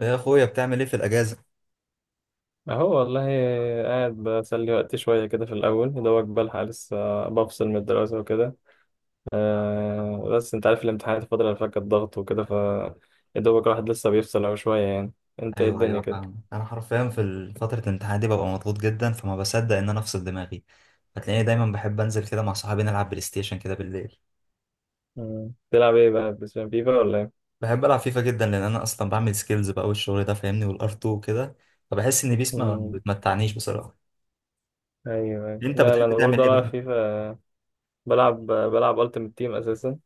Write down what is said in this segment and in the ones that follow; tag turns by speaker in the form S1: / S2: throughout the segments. S1: يا اخويا بتعمل ايه في الاجازه؟
S2: اهو والله، قاعد بسلي وقتي شوية كده في الأول، يا دوبك بلحق لسه بفصل من الدراسة وكده. بس أنت عارف الامتحانات، الفترة اللي فاتت كانت ضغط وكده، يا دوبك الواحد لسه بيفصل أهو شوية يعني. أنت إيه
S1: ايوه،
S2: الدنيا
S1: ايوه،
S2: كده؟
S1: فاهم. انا حرفيا في فتره الامتحان دي ببقى مضغوط جدا فما بصدق ان انا افصل دماغي. هتلاقيني دايما بحب انزل كده مع صحابي نلعب بلاي ستيشن كده بالليل.
S2: مم. تلعب إيه بقى، بتلعب فيفا ولا إيه؟
S1: بحب العب فيفا جدا لان انا اصلا بعمل سكيلز بقى والشغل ده فاهمني، والار 2 وكده. فبحس ان بيس ما
S2: مم.
S1: بتمتعنيش بصراحه.
S2: أيوه أيوه،
S1: انت
S2: لا لا،
S1: بتحب
S2: أنا
S1: تعمل
S2: برضه
S1: ايه
S2: بلعب
S1: بقى؟
S2: فيفا. بلعب ألتيمت تيم أساسا.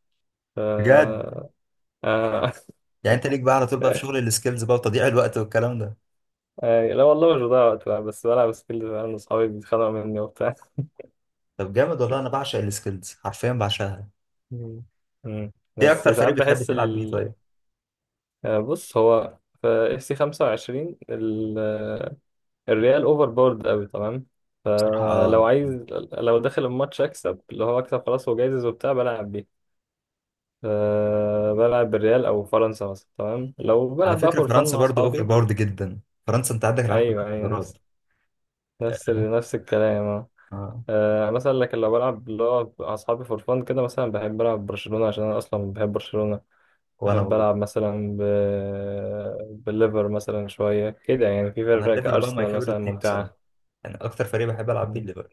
S2: ف
S1: بجد.
S2: آه،
S1: يعني انت ليك بقى على طول بقى في شغل السكيلز بقى وتضييع الوقت والكلام ده.
S2: لا والله مش بضيع وقت بقى، بس بلعب سكيل، أنا وأصحابي بيتخانقوا مني وبتاع.
S1: طب جامد والله، انا بعشق السكيلز حرفيا بعشقها.
S2: مم. مم.
S1: ايه
S2: بس
S1: اكتر
S2: ساعات
S1: فريق بتحب
S2: بحس
S1: تلعب بيه
S2: ال...
S1: طيب؟
S2: بص، هو في اف سي 25 ال... الريال اوفر بورد قوي تمام.
S1: بصراحه اه.
S2: فلو عايز، لو داخل الماتش اكسب، اللي هو اكسب خلاص وجايزز وبتاع، بلعب بيه. ف- بلعب بالريال او فرنسا مثلا، تمام، لو
S1: على
S2: بلعب بقى
S1: فكرة
S2: فور فان
S1: فرنسا
S2: مع
S1: برضو اوفر
S2: اصحابي.
S1: باورد جدا. فرنسا انت عندك العالم كلها
S2: ايوه ايوه،
S1: انتخابات.
S2: نفس نفس الكلام، اه.
S1: اه،
S2: مثلا، لكن لو بلعب اللي هو مع اصحابي فور فان كده، مثلا بحب العب برشلونة عشان انا اصلا بحب برشلونة.
S1: وانا
S2: بحب
S1: برضو.
S2: ألعب مثلا ب... بالليفر مثلا شوية كده، يعني في
S1: انا
S2: فرق
S1: الليفر بقى ماي
S2: كأرسنال
S1: فيفورت
S2: مثلا
S1: تيم بصراحة.
S2: ممتعة.
S1: يعني اكتر فريق بحب العب بيه
S2: مم.
S1: الليفر.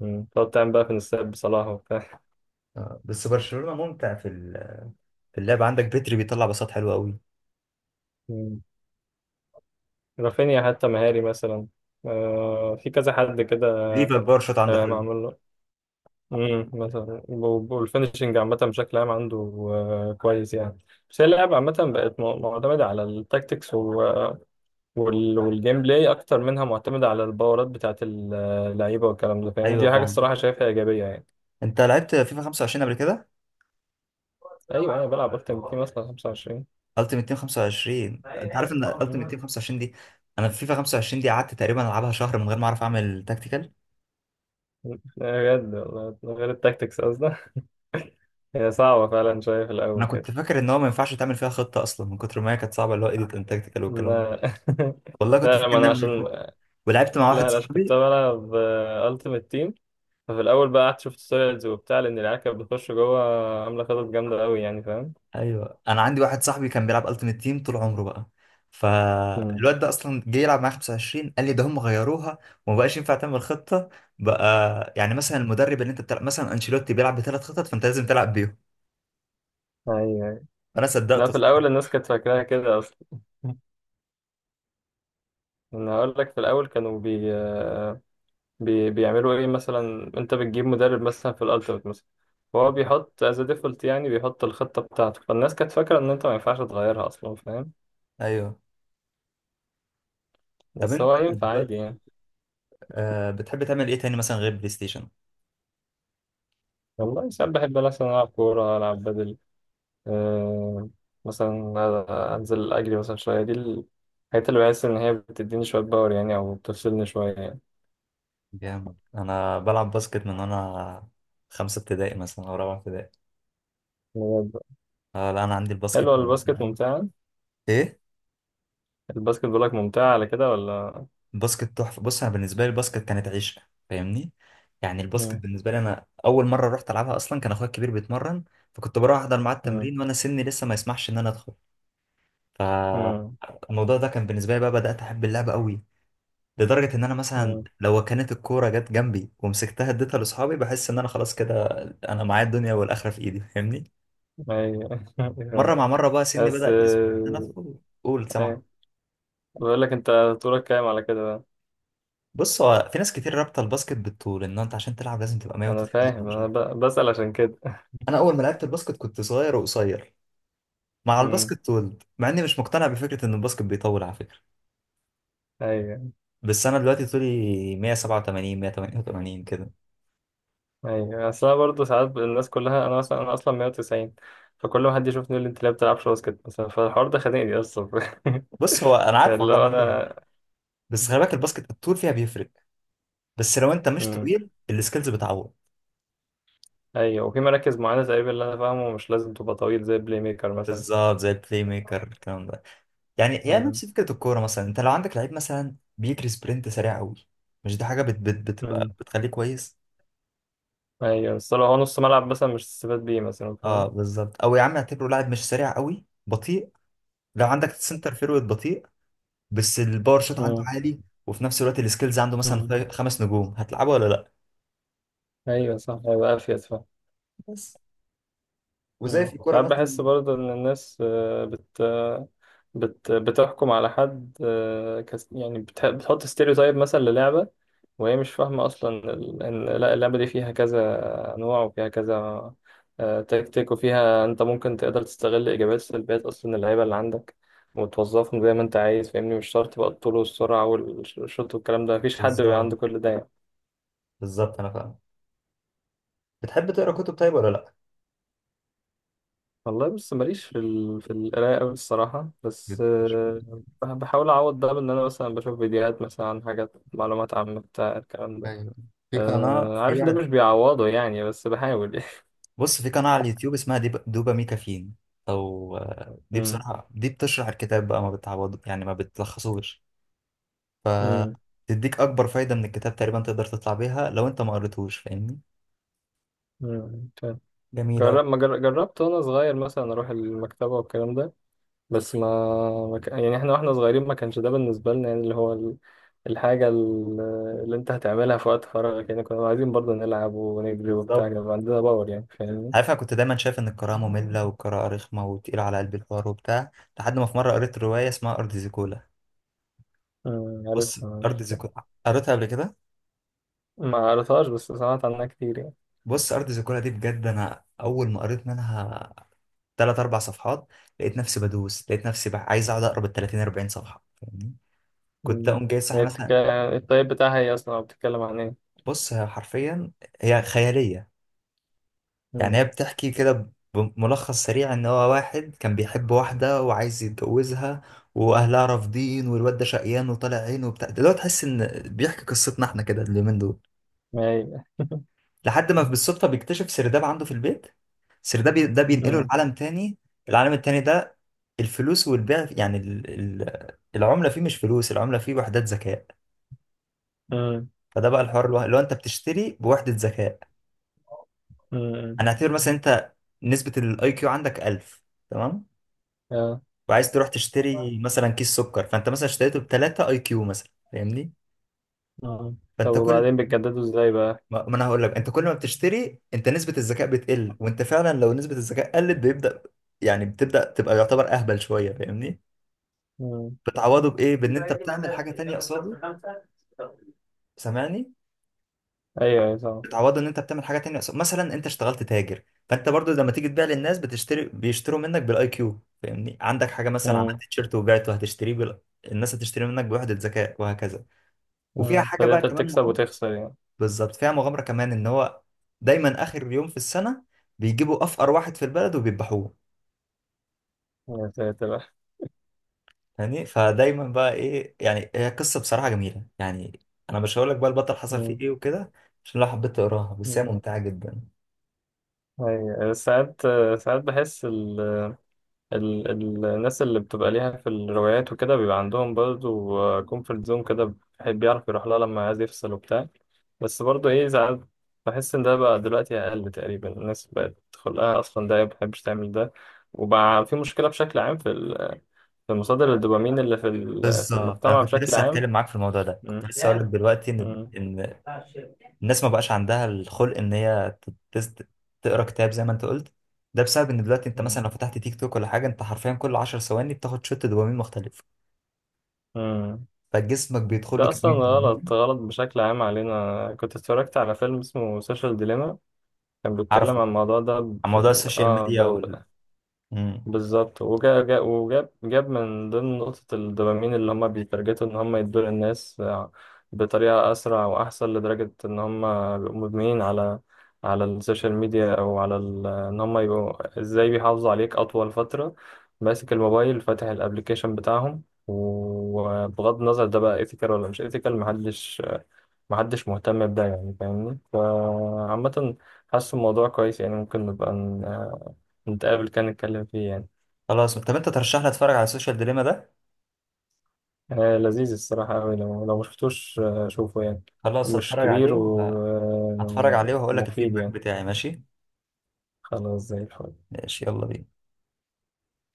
S2: مم. تقعد تعمل بقى في نساب بصلاح وبتاع.
S1: آه. بس برشلونة ممتع في في اللعب، عندك بيتري بيطلع باصات حلوة قوي.
S2: مم. رافينيا حتى مهاري مثلا، في كذا حد كده.
S1: ليفا باور شوت عنده حلو.
S2: معمول له. مم. مثلا والفينشنج عامة بشكل عام عنده كويس يعني. بس هي اللعبة عامة بقت معتمدة على التاكتكس و... وال... والجيم بلاي أكتر، منها معتمدة على الباورات بتاعت اللعيبة والكلام ده، فاهم؟
S1: ايوه
S2: دي حاجة
S1: فاهم.
S2: الصراحة شايفها إيجابية يعني.
S1: انت لعبت فيفا 25 قبل كده؟
S2: ايوه، انا بلعب اكتر بكتير مثلا 25.
S1: التيمت تيم 25،
S2: مم.
S1: انت عارف ان
S2: لا.
S1: التيمت تيم 25 دي، انا في فيفا 25 دي قعدت تقريبا العبها شهر من غير ما اعرف اعمل تاكتيكال.
S2: بجد والله، من غير التاكتكس قصدي. هي صعبة فعلا شوية في
S1: انا
S2: الأول كده.
S1: كنت فاكر ان هو ما ينفعش تعمل فيها خطة اصلا من كتر ما هي كانت صعبة، اللي هو ايديت اند تاكتيكال والكلام ده.
S2: لا
S1: والله كنت
S2: لا،
S1: فاكر
S2: ما أنا
S1: انها من غير
S2: عشان،
S1: خطة. ولعبت مع واحد
S2: لا لا، عشان كنت
S1: صاحبي.
S2: بلعب ألتيمت تيم، ففي الأول بقى قعدت شفت تويلز وبتاع، لأن العيال كانت بتخش جوه عاملة خطط جامدة أوي يعني، فاهم؟
S1: ايوه، انا عندي واحد صاحبي كان بيلعب التيمت تيم طول عمره بقى.
S2: مم.
S1: فالواد ده اصلا جه يلعب معايا 25، قال لي ده هم غيروها وما بقاش ينفع تعمل خطه، بقى يعني مثلا المدرب اللي انت بتلعب مثلا انشيلوتي بيلعب بثلاث خطط فانت لازم تلعب بيهم.
S2: أيوه أيوه.
S1: انا
S2: لا،
S1: صدقته
S2: في الأول
S1: الصراحة.
S2: الناس كانت فاكراها كده أصلا. أنا هقول لك، في الأول كانوا بي بيعملوا ايه، مثلا انت بتجيب مدرب مثلا في الالتيميت مثلا، هو بيحط از ديفولت، يعني بيحط الخطه بتاعته، فالناس كانت فاكره ان انت ما ينفعش تغيرها اصلا، فاهم؟
S1: ايوه. طب
S2: بس
S1: انت
S2: هو ينفع عادي
S1: دلوقتي
S2: يعني.
S1: بتحب تعمل ايه تاني مثلا غير بلاي ستيشن؟
S2: والله ساعات بحب مثلا العب كوره، العب بدل، آه مثلا انزل اجري مثلا شويه. دي الحاجات اللي بحس ان هي بتديني شويه باور يعني، او بتفصلني شويه يعني.
S1: جامد. انا بلعب باسكت من وانا خمسه ابتدائي مثلا او رابعه ابتدائي.
S2: بجد.
S1: آه لا، انا عندي الباسكت.
S2: حلوه الباسكت، ممتعه.
S1: ايه.
S2: الباسكت بقولك ممتعه على كده ولا؟
S1: الباسكت تحفه. بص انا بالنسبه لي الباسكت كانت عيش، فاهمني. يعني الباسكت
S2: مم.
S1: بالنسبه لي، انا اول مره رحت العبها اصلا كان اخويا الكبير بيتمرن. فكنت بروح احضر معاه
S2: مم.
S1: التمرين وانا سني لسه ما يسمحش ان انا ادخل.
S2: مم.
S1: فالموضوع ده كان بالنسبه لي بقى بدات احب اللعبه قوي. لدرجه ان انا مثلا
S2: مم.
S1: لو كانت الكوره جت جنبي ومسكتها اديتها لاصحابي بحس ان انا خلاص كده، انا معايا الدنيا والاخره في ايدي فاهمني.
S2: ايوه.
S1: مره مع مره بقى سني
S2: بس
S1: بدا يسمح ان انا ادخل، قول سامع.
S2: ايه، بقول لك انت، طولك كام على كده بقى؟
S1: بص، هو في ناس كتير رابطه الباسكت بالطول، ان انت عشان تلعب لازم تبقى
S2: انا فاهم، انا
S1: 190.
S2: بسأل عشان كده.
S1: انا اول ما لعبت الباسكت كنت صغير وقصير. مع
S2: امم
S1: الباسكت طولت، مع اني مش مقتنع بفكره ان الباسكت بيطول على فكره.
S2: ايوه.
S1: بس انا دلوقتي طولي 187 188 كده.
S2: ايوه، اصل انا برضه ساعات الناس كلها، انا مثلا انا اصلا 190، فكل ما حد يشوفني يقول لي انت ليه ما بتلعبش باسكت مثلا، فالحوار ده خانقني اصلا.
S1: بص هو انا عارف،
S2: اللي
S1: والله
S2: هو
S1: حلو.
S2: انا.
S1: بس خلي بالك الباسكت الطول فيها بيفرق. بس لو انت مش
S2: امم
S1: طويل السكيلز بتعوض.
S2: ايوه، وفي مراكز معينه تقريبا، اللي انا فاهمه مش لازم تبقى طويل، زي بلاي ميكر مثلا.
S1: بالظبط زي البلاي ميكر الكلام ده. يعني
S2: امم
S1: نفس فكره الكوره، مثلا انت لو عندك لعيب مثلا بيجري سبرنت سريع قوي. مش دي حاجه بت بت بتبقى
S2: امم
S1: بتخليه كويس؟
S2: ايوه، بس لو هو نص ملعب مثلا، مش تستفاد بيه مثلا،
S1: اه
S2: فاهم؟
S1: بالظبط، او يا عم اعتبره لاعب مش سريع قوي، بطيء. لو عندك سنتر فيرود بطيء بس الباور شوت عنده
S2: امم
S1: عالي، وفي نفس الوقت السكيلز عنده مثلا
S2: امم
S1: خمس نجوم، هتلعبه ولا لا؟
S2: ايوه صح، هيبقى افيد، فاهم؟
S1: بس. وزي
S2: مم.
S1: في الكوره
S2: ساعات بحس
S1: مثلا.
S2: برضه إن الناس بت بتحكم على حد، يعني بتحط ستيريوتايب مثلا للعبة، وهي مش فاهمة أصلا إن لا، اللعبة دي فيها كذا نوع وفيها كذا تكتيك، وفيها أنت ممكن تقدر تستغل إيجابيات سلبيات أصلا اللعيبة اللي عندك، وتوظفهم زي ما أنت عايز، فاهمني؟ مش شرط بقى الطول والسرعة والشوط والكلام ده، مفيش حد بيبقى
S1: بالظبط،
S2: عنده كل ده يعني.
S1: بالظبط انا فاهم. بتحب تقرا كتب طيب ولا لا؟
S2: والله بص، ماليش في ال... في القراية أوي الصراحة، بس
S1: بتش-
S2: بحاول أعوض ده بإن أنا مثلا بشوف فيديوهات مثلا عن حاجات، معلومات عامة بتاع الكلام ده.
S1: ايوه، في قناه، في
S2: عارف ده مش
S1: واحد.
S2: بيعوضه يعني، بس بحاول يعني.
S1: بص في قناه على اليوتيوب اسمها دوبامي كافين. او آه، دي
S2: مم.
S1: بصراحه دي بتشرح الكتاب بقى، ما بتعوض يعني، ما بتلخصوش.
S2: مم.
S1: تديك اكبر فايده من الكتاب تقريبا، تقدر تطلع بيها لو انت ما قريتهوش فاهمني.
S2: مم. فاهم.
S1: جميله أوي.
S2: جرب ما جر... جربت وأنا صغير مثلا أروح المكتبة والكلام ده، بس ما، يعني إحنا وإحنا صغيرين ما كانش ده بالنسبة لنا يعني، اللي هو ال... الحاجة ال- اللي أنت هتعملها في وقت فراغك يعني، كنا عايزين برضه نلعب ونجري وبتاع،
S1: بالظبط.
S2: كان عندنا باور يعني، فاهمني؟
S1: عارف انا كنت دايما شايف ان القراءه ممله والقراءه رخمه وتقيله على قلبي الحوار وبتاع، لحد ما في مره قريت روايه اسمها ارض زيكولا. بص،
S2: عارفها
S1: ارض
S2: عارفها.
S1: زيكولا قريتها قبل كده.
S2: ما قريتهاش بس سمعت عنها كتير يعني.
S1: بص ارض زيكولا دي بجد انا اول ما قريت منها ثلاث اربع صفحات، لقيت نفسي بقى عايز اقعد اقرا بال 30 40 صفحه فاهمني. كنت
S2: أمم.
S1: اقوم جاي صاحي
S2: هي بتك...
S1: مثلا.
S2: الطيب بتاعها ايه اصلا، أو بتتكلم عن ايه؟
S1: بص، هي حرفيا هي خياليه. يعني
S2: أمم،
S1: هي بتحكي كده بملخص سريع ان هو واحد كان بيحب واحدة وعايز يتجوزها واهلها رافضين والواد ده شقيان وطالع عينه وبتاع، دلوقتي تحس ان بيحكي قصتنا احنا كده اليومين دول.
S2: ما هي.
S1: لحد ما بالصدفة بيكتشف سرداب عنده في البيت، سرداب ده بينقله
S2: أمم،
S1: لعالم تاني. العالم التاني ده الفلوس والبيع يعني العملة فيه مش فلوس، العملة فيه وحدات ذكاء.
S2: أمم،
S1: فده بقى الحوار اللي هو انت بتشتري بوحدة ذكاء.
S2: أمم،
S1: هنعتبر مثلا انت نسبة الاي كيو عندك 1000، تمام،
S2: آه،
S1: وعايز تروح تشتري مثلا كيس سكر، فانت مثلا اشتريته ب 3 اي كيو مثلا فاهمني.
S2: آه. طب
S1: فانت كل
S2: وبعدين بتجددوا ازاي بقى؟
S1: ما ما انا هقول لك، انت كل ما بتشتري انت نسبة الذكاء بتقل، وانت فعلا لو نسبة الذكاء قلت بيبدأ، يعني بتبدأ تبقى يعتبر اهبل شوية فاهمني.
S2: أمم.
S1: بتعوضه بايه؟ بان انت بتعمل حاجة تانية قصاده، سامعني؟
S2: ايوه ايوه طبعا.
S1: بتعوضه ان انت بتعمل حاجة تانية قصاده، مثلا انت اشتغلت تاجر. فانت برضو لما تيجي تبيع للناس بيشتروا منك بالاي كيو فاهمني. عندك حاجة مثلا عملت
S2: أمم،
S1: تيشيرت وبعته، هتشتريه الناس هتشتري منك بوحدة ذكاء وهكذا. وفيها
S2: أمم.
S1: حاجة بقى
S2: فانت
S1: كمان.
S2: بتكسب وتخسر يعني.
S1: بالظبط، فيها مغامرة كمان. ان هو دايما اخر يوم في السنة بيجيبوا افقر واحد في البلد وبيذبحوه.
S2: يا ساتر.
S1: يعني فدايما بقى ايه يعني، هي قصة بصراحة جميلة يعني. انا مش هقول لك بقى البطل حصل فيه
S2: أمم،
S1: ايه وكده، عشان لو حبيت تقراها، بس هي
S2: أمم.
S1: ممتعة جدا.
S2: ايوه ساعات، بحس ال... الناس اللي بتبقى ليها في الروايات وكده بيبقى عندهم برضه كومفورت زون كده، بيحب يعرف يروح لها لما عايز يفصل وبتاع. بس برضه ايه، ساعات بحس ان ده بقى دلوقتي اقل، تقريبا الناس بقت خلقها اصلا ده ما بتحبش تعمل ده، وبقى في مشكلة بشكل عام في في مصادر الدوبامين اللي في في
S1: بالظبط. انا
S2: المجتمع
S1: كنت
S2: بشكل
S1: لسه
S2: عام.
S1: هتكلم معاك في الموضوع ده، كنت
S2: مم.
S1: لسه هقول لك دلوقتي ان
S2: مم.
S1: ان الناس ما بقاش عندها الخلق ان هي تت- تقرا كتاب زي ما انت قلت. ده بسبب ان دلوقتي انت
S2: مم.
S1: مثلا لو فتحت تيك توك ولا حاجة، انت حرفيا كل 10 ثواني بتاخد شوت دوبامين مختلف.
S2: مم.
S1: فجسمك بيدخل له
S2: ده اصلا
S1: كميه
S2: غلط،
S1: دوبامين.
S2: غلط بشكل عام علينا. كنت اتفرجت على فيلم اسمه سوشيال ديليما، كان
S1: عارف.
S2: بيتكلم عن الموضوع ده
S1: عن موضوع السوشيال
S2: اه ب...
S1: ميديا
S2: ب...
S1: مم.
S2: بالظبط، وجاب من ضمن نقطة الدوبامين، اللي هما بيترجتوا إن هما يدوا للناس بطريقة أسرع وأحسن لدرجة إن هما بيبقوا مدمنين على، على السوشيال ميديا، أو على ال... إن هما يبقوا إزاي بيحافظوا عليك أطول فترة ماسك الموبايل فاتح الأبليكيشن بتاعهم. وبغض النظر ده بقى إيثيكال ولا مش إيثيكال، محدش مهتم بده يعني، فاهمني؟ فعامة حاسس الموضوع كويس يعني، ممكن نبقى نتقابل كان نتكلم فيه يعني.
S1: خلاص طب انت ترشح لي اتفرج على السوشيال ديليما ده.
S2: لذيذ الصراحة أوي، لو مشفتوش شوفه يعني،
S1: خلاص
S2: مش
S1: هتفرج عليه
S2: كبير
S1: هتفرج عليه وهقول لك
S2: ومفيد
S1: الفيدباك
S2: يعني.
S1: بتاعي، ماشي.
S2: خلاص زي الفل.
S1: ماشي، يلا بينا.